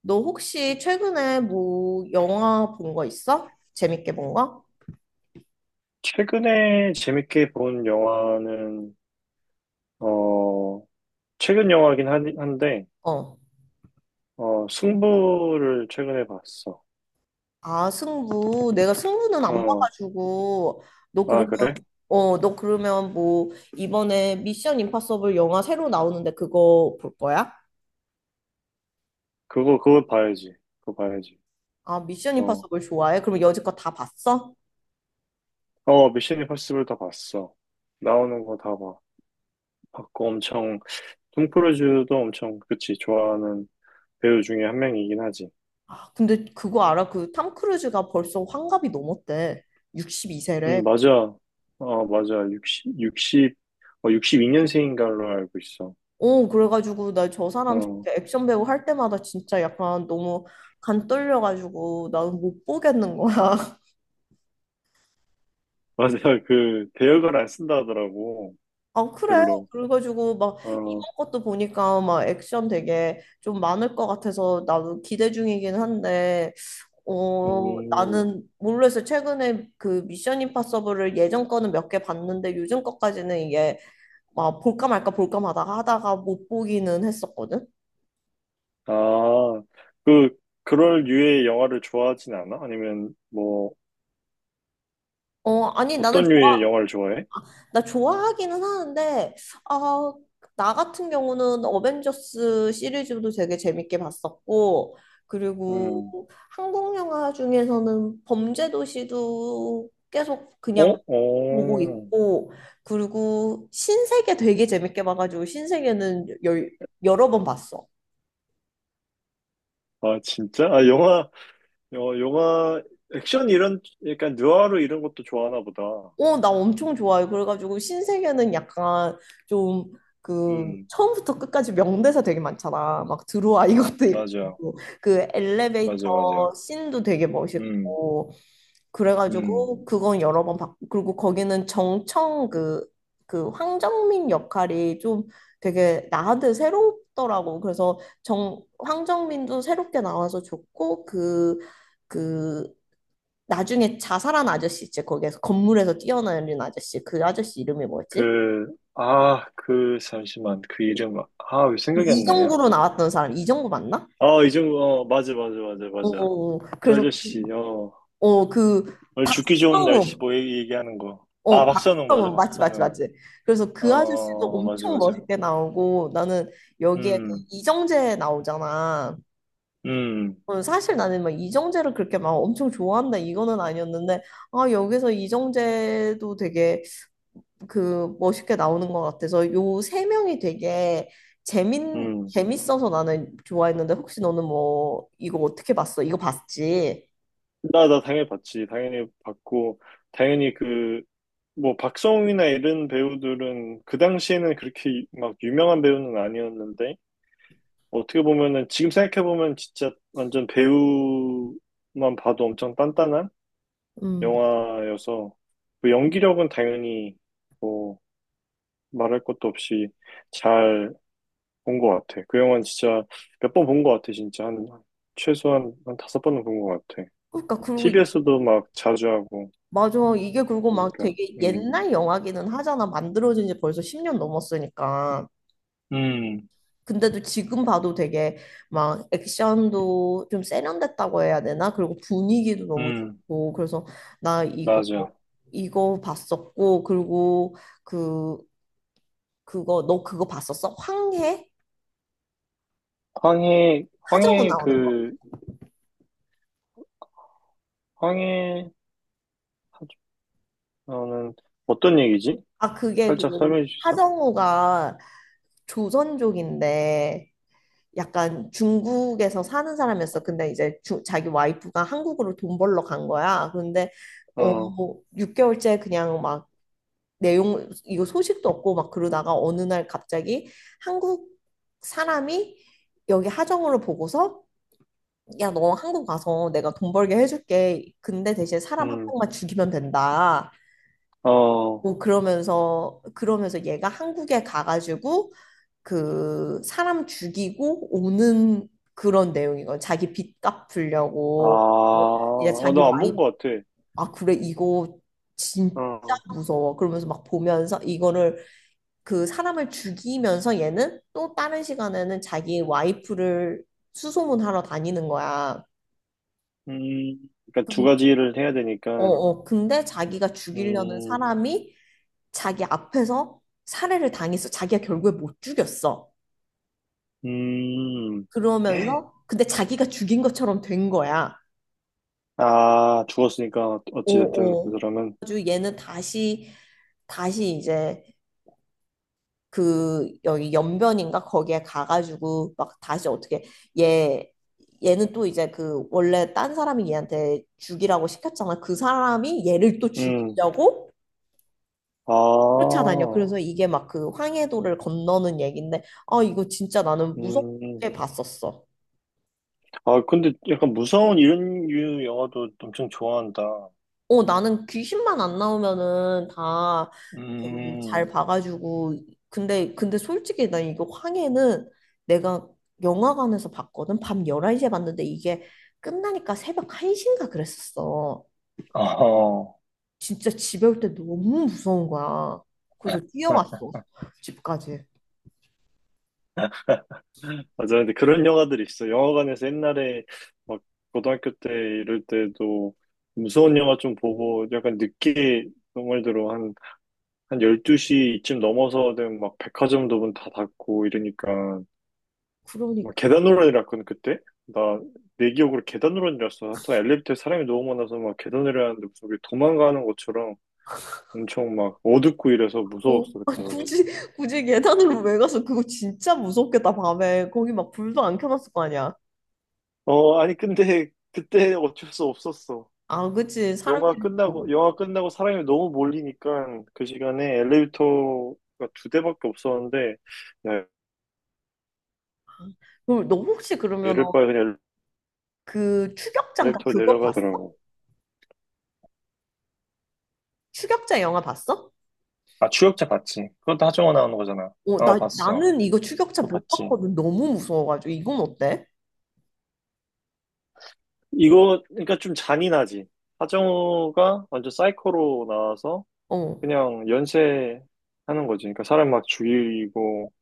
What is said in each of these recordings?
너 혹시 최근에 뭐 영화 본 거 있어? 재밌게 본 거? 최근에 재밌게 본 영화는, 어, 최근 영화긴 한데, 어. 승부를 최근에 봤어. 아, 승부. 내가 승부는 안 어, 봐가지고 너 아, 그러면 그래? 어, 너 그러면 뭐 이번에 미션 임파서블 영화 새로 나오는데 그거 볼 거야? 그거 봐야지. 그거 봐야지. 아, 미션 어, 임파서블 좋아해? 그럼 여지껏 다 봤어? 어, 미션 임파서블 다 봤어. 나오는 거 다 봐. 봤고 엄청, 톰 크루즈도 엄청, 그치, 좋아하는 배우 중에 한 명이긴 하지. 아, 근데 그거 알아? 그 탐 크루즈가 벌써 환갑이 넘었대. 62세래. 응, 맞아. 어, 맞아. 62년생인 걸로 알고 있어. 어, 그래가지고 나 저 사람 어, 진짜 액션 배우 할 때마다 진짜 약간 너무 간 떨려가지고 나는 못 보겠는 거야. 맞아요. 그 대역을 안 쓴다 하더라고. 아, 그래. 별로. 그래가지고 막 어, 이번 것도 보니까 막 액션 되게 좀 많을 것 같아서 나도 기대 중이긴 한데, 어, 음, 나는 모르겠어. 최근에 그 미션 임파서블을 예전 거는 몇 개 봤는데 요즘 거까지는 이게 막 볼까 말까 볼까 마다 하다가 못 보기는 했었거든. 아, 그 그럴 류의 영화를 좋아하진 않아? 아니면 뭐 어, 아니 나는 어떤 류의 영화를 좋아해? 나 좋아하기는 하는데, 아, 나 같은 경우는 어벤져스 시리즈도 되게 재밌게 봤었고, 음, 그리고 한국 영화 중에서는 범죄도시도 계속 그냥 어, 보고 어, 있고, 그리고 신세계 되게 재밌게 봐가지고, 신세계는 여러 번 봤어. 아 진짜? 영화 액션 이런 약간 느와르 이런 것도 좋아하나 보다. 어, 나 엄청 좋아요. 그래가지고 신세계는 약간 좀 그 음, 처음부터 끝까지 명대사 되게 많잖아. 막 들어와 이것도 맞아, 있고 그 엘리베이터 맞아, 맞아. 씬도 되게 음, 멋있고 음, 그래가지고 그건 여러 번 봤고 그리고 거기는 정청 그 황정민 역할이 좀 되게 나한테 새롭더라고. 그래서 정 황정민도 새롭게 나와서 좋고 그그 나중에 자살한 아저씨 있지 거기에서 건물에서 뛰어내린 아저씨 그 아저씨 이름이 뭐였지? 그, 아, 그 잠시만 그 이름, 아, 왜 생각이 안 나냐? 이정구로 나왔던 사람 이정구 맞나? 아, 이정구, 어, 맞아, 맞아, 맞아, 어 맞아. 어, 그 그래서 아저씨, 어그 오늘 죽기 좋은 날씨 성우 뭐 얘기하는 거. 어 아, 박선웅, 맞아, 박성우 맞지 맞지 박선웅. 맞지. 그래서 어, 어, 그 아저씨도 어, 맞아, 엄청 맞아. 멋있게 나오고 나는 여기에 그 음, 이정재 나오잖아. 음, 어, 사실 나는 막 이정재를 그렇게 막 엄청 좋아한다 이거는 아니었는데 아 여기서 이정재도 되게 그 멋있게 나오는 것 같아서 요 세 명이 되게 재민 음. 재밌어서 나는 좋아했는데 혹시 너는 뭐 이거 어떻게 봤어? 이거 봤지? 나 당연히 봤지. 당연히 봤고, 당연히 그, 뭐, 박성웅이나 이런 배우들은 그 당시에는 그렇게 막 유명한 배우는 아니었는데, 어떻게 보면은, 지금 생각해보면 진짜 완전 배우만 봐도 엄청 단단한? 음, 영화여서 그 연기력은 당연히 뭐 말할 것도 없이 잘 본 것 같아. 그 영화는 진짜 몇 번 본 것 같아. 진짜 한 최소한 한 다섯 번은 본 것 같아. 그러니까 그리고 t 비에 서도 막 자주 하고 맞아. 이게 그리고 막 그러니까 되게 옛날 영화기는 하잖아. 만들어진 지 벌써 10년 넘었으니까 음, 근데도 지금 봐도 되게 막 액션도 좀 세련됐다고 해야 되나. 그리고 분위기도 너무 음, 좋고 그래서 나 이거 맞아. 이거 봤었고 그리고 그 그거 너 그거 봤었어? 황해? 황해 하정우 황해 나오는 거. 그 황해 하는 어떤 얘기지? 아 그게 살짝 설명해 줄 수 있어? 하정우가 조선족인데 약간 중국에서 사는 사람이었어. 근데 이제 자기 와이프가 한국으로 돈 벌러 간 거야. 근데 어 어, 6개월째 그냥 막 내용 이거 소식도 없고 막 그러다가 어느 날 갑자기 한국 사람이 여기 하정우를 보고서 야, 너 한국 가서 내가 돈 벌게 해줄게. 근데 대신 사람 한 음, 명만 죽이면 된다. 어, 뭐 그러면서 얘가 한국에 가가지고 그 사람 죽이고 오는 그런 내용이거든. 자기 빚 아, 갚으려고 이제 어, 자기 나 안 본 와이프. 것 같아. 아 그래 이거 진짜 어. 무서워. 그러면서 막 보면서 이거를 그 사람을 죽이면서 얘는 또 다른 시간에는 자기 와이프를 수소문하러 다니는 거야. 음, 그러니까 두 그- 가지를 해야 어, 되니까, 어. 근데 자기가 죽이려는 음, 사람이 자기 앞에서 살해를 당했어. 자기가 결국에 못 죽였어. 음, 그러면서 근데 자기가 죽인 것처럼 된 거야. 아, 죽었으니까 어찌됐든, 그 오오. 사람은, 다시 이제 그 여기 연변인가 거기에 가가지고 막 다시 어떻게 얘 얘는 또 이제 그 원래 딴 사람이 얘한테 죽이라고 시켰잖아. 그 사람이 얘를 또 음, 죽이려고 아, 쫓아다녀. 그래서 이게 막 그 황해도를 건너는 얘긴데 아 이거 진짜 나는 음, 무섭게 봤었어. 아, 근데 약간 무서운 이런 류 영화도 엄청 좋아한다. 어, 나는 귀신만 안 나오면은 다 음, 잘 봐가지고. 근데 솔직히 나 이거 황해는 내가 영화관에서 봤거든. 밤 11시에 봤는데 이게 끝나니까 새벽 1시인가 그랬었어. 어, 진짜 집에 올 때 너무 무서운 거야. 그래서 뛰어왔어. 집까지. 맞아. 근데 그런 영화들이 있어. 영화관에서 옛날에 막 고등학교 때 이럴 때도 무서운 영화 좀 보고 약간 늦게 정말 들어 한 12시쯤 넘어서는 막 백화점도 문 다 닫고 이러니까 막 그러니까. 계단 노란이라 했거든 그때. 나 내 기억으로 계단 노란이었어. 하여튼 엘리베이터에 사람이 너무 많아서 막 계단 내려가는데 무슨 우리 도망가는 것처럼 엄청 막 어둡고 이래서 어, 무서웠어 아, 그때 가지고. 굳이, 굳이 계단으로 왜 가서. 그거 진짜 무섭겠다, 밤에. 거기 막 불도 안 켜놨을 거 아니야. 어, 아니 근데 그때 어쩔 수 없었어. 아, 그치. 영화 사람들이 끝나고 너무. 영화 끝나고 사람이 너무 몰리니까 그 시간에 엘리베이터가 두 대밖에 없었는데 야 그럼 너 혹시 그러면 이럴 바에 그냥 그 추격자인가 엘리베이터 그거 봤어? 내려가더라고. 추격자 영화 봤어? 아, 추격자 봤지. 그것도 하정우 나오는 거잖아. 어, 어, 나 봤어. 나는 이거 추격자 그거 못 봤지. 봤거든. 너무 무서워가지고 이건 어때? 이거, 그러니까 좀 잔인하지. 하정우가 완전 사이코로 나와서 어. 그냥 연쇄하는 거지. 그러니까 사람 막 죽이고,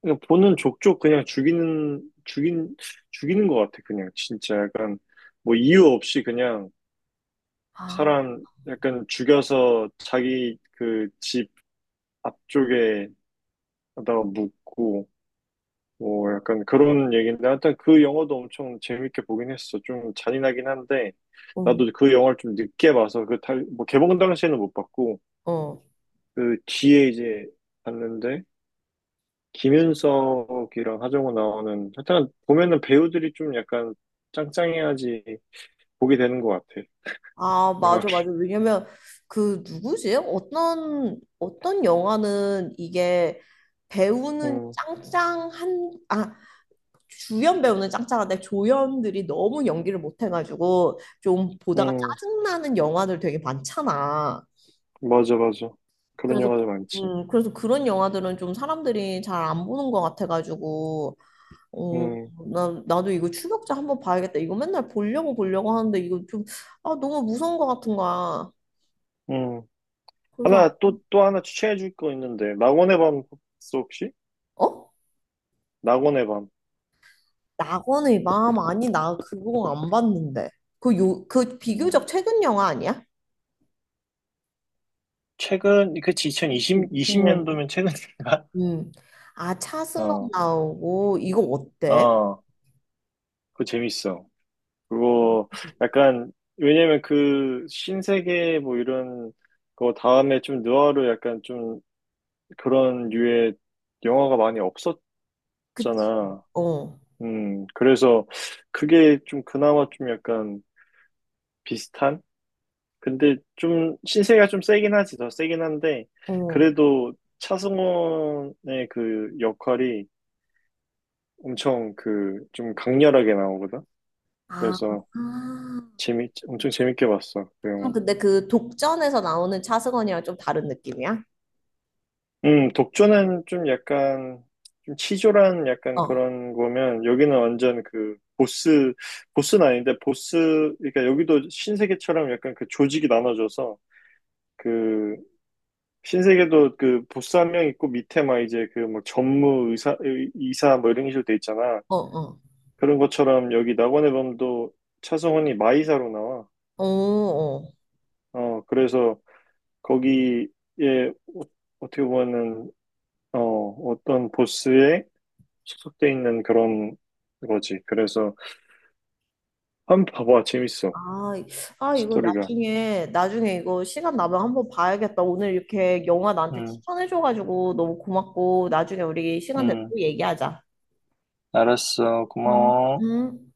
그냥 보는 족족 그냥 죽이는 것 같아. 그냥 진짜 약간 뭐 이유 없이 그냥 아, 사람 약간 죽여서 자기 그 집 앞쪽에다가 묻고, 뭐 약간 그런 얘기인데 하여튼 그 영화도 엄청 재밌게 보긴 했어. 좀 잔인하긴 한데 어, 나도 그 영화를 좀 늦게 봐서 그 달, 뭐 개봉 당시에는 못 봤고 어. 그 뒤에 이제 봤는데 김윤석이랑 하정우 나오는 하여튼 보면은 배우들이 좀 약간 짱짱해야지 보게 되는 것 같아. 아, 영화를. 맞아, 맞아. 왜냐면 그 누구지? 어떤 영화는 이게 배우는 음, 짱짱한 아 주연 배우는 짱짱한데 조연들이 너무 연기를 못해가지고 좀 보다가 음, 짜증나는 영화들 되게 많잖아. 맞아, 맞아. 그런 그래서 영화들 많지. 그래서 그런 영화들은 좀 사람들이 잘 안 보는 것 같아가지고. 어, 음, 나도 이거 추격자 한번 봐야겠다. 이거 맨날 보려고 보려고 하는데 이거 좀 아, 너무 무서운 것 같은 거야. 음. 그래서 하나, 또, 또 하나 추천해 줄 거 있는데, 낙원의 밤 봤어, 혹시? 어? 낙원의 밤. 낙원의 마음? 아니 나 그거 안 봤는데. 그 요 그 음. 비교적 최근 영화 아니야? 최근, 그치, 2020 년도 20년이. 면 최근인가? 음. 아, 차승원 어, 나오고 이거 어때? 어, 그거 재밌어. 그거 약간, 왜냐면 그 신세계 뭐 이런 거 다음에 좀 느와르 약간 좀 그런 류의 영화가 많이 없었잖아. 그치. 어. 그래서 그게 좀 그나마 좀 약간 비슷한? 근데 좀 신세계가 좀 세긴 하지, 더 세긴 한데, 어. 그래도 차승원의 그 역할이 엄청 그 좀 강렬하게 나오거든. 아. 그래서 아. 재미 엄청 재밌게 봤어 그 아, 영화도. 근데 그 독전에서 나오는 차승원이랑 좀 다른 느낌이야? 독조는 좀 약간 좀 치졸한 어, 약간 어, 그런 거면 여기는 완전 그 보스 보스는 아닌데 보스 그러니까 여기도 신세계처럼 약간 그 조직이 나눠져서 그 신세계도 그 보스 한 명 있고 밑에 막 이제 그 막 전무 이사 뭐 이런 식으로 돼 있잖아. 어. 그런 것처럼 여기 낙원의 범도 차성원이 마이사로 나와. 어, 어. 그래서 거기에 어- 어떻게 보면은 어, 어떤 보스에 소속돼 있는 그런 거지. 그래서 한번 봐봐. 재밌어. 아, 아, 이거 스토리가. 나중에, 나중에 이거 시간 나면 한번 봐야겠다. 오늘 이렇게 영화 나한테 응, 추천해줘가지고 너무 고맙고, 나중에 우리 시간 되면 응. 또 얘기하자. 알았어. 음. 고마워. 음.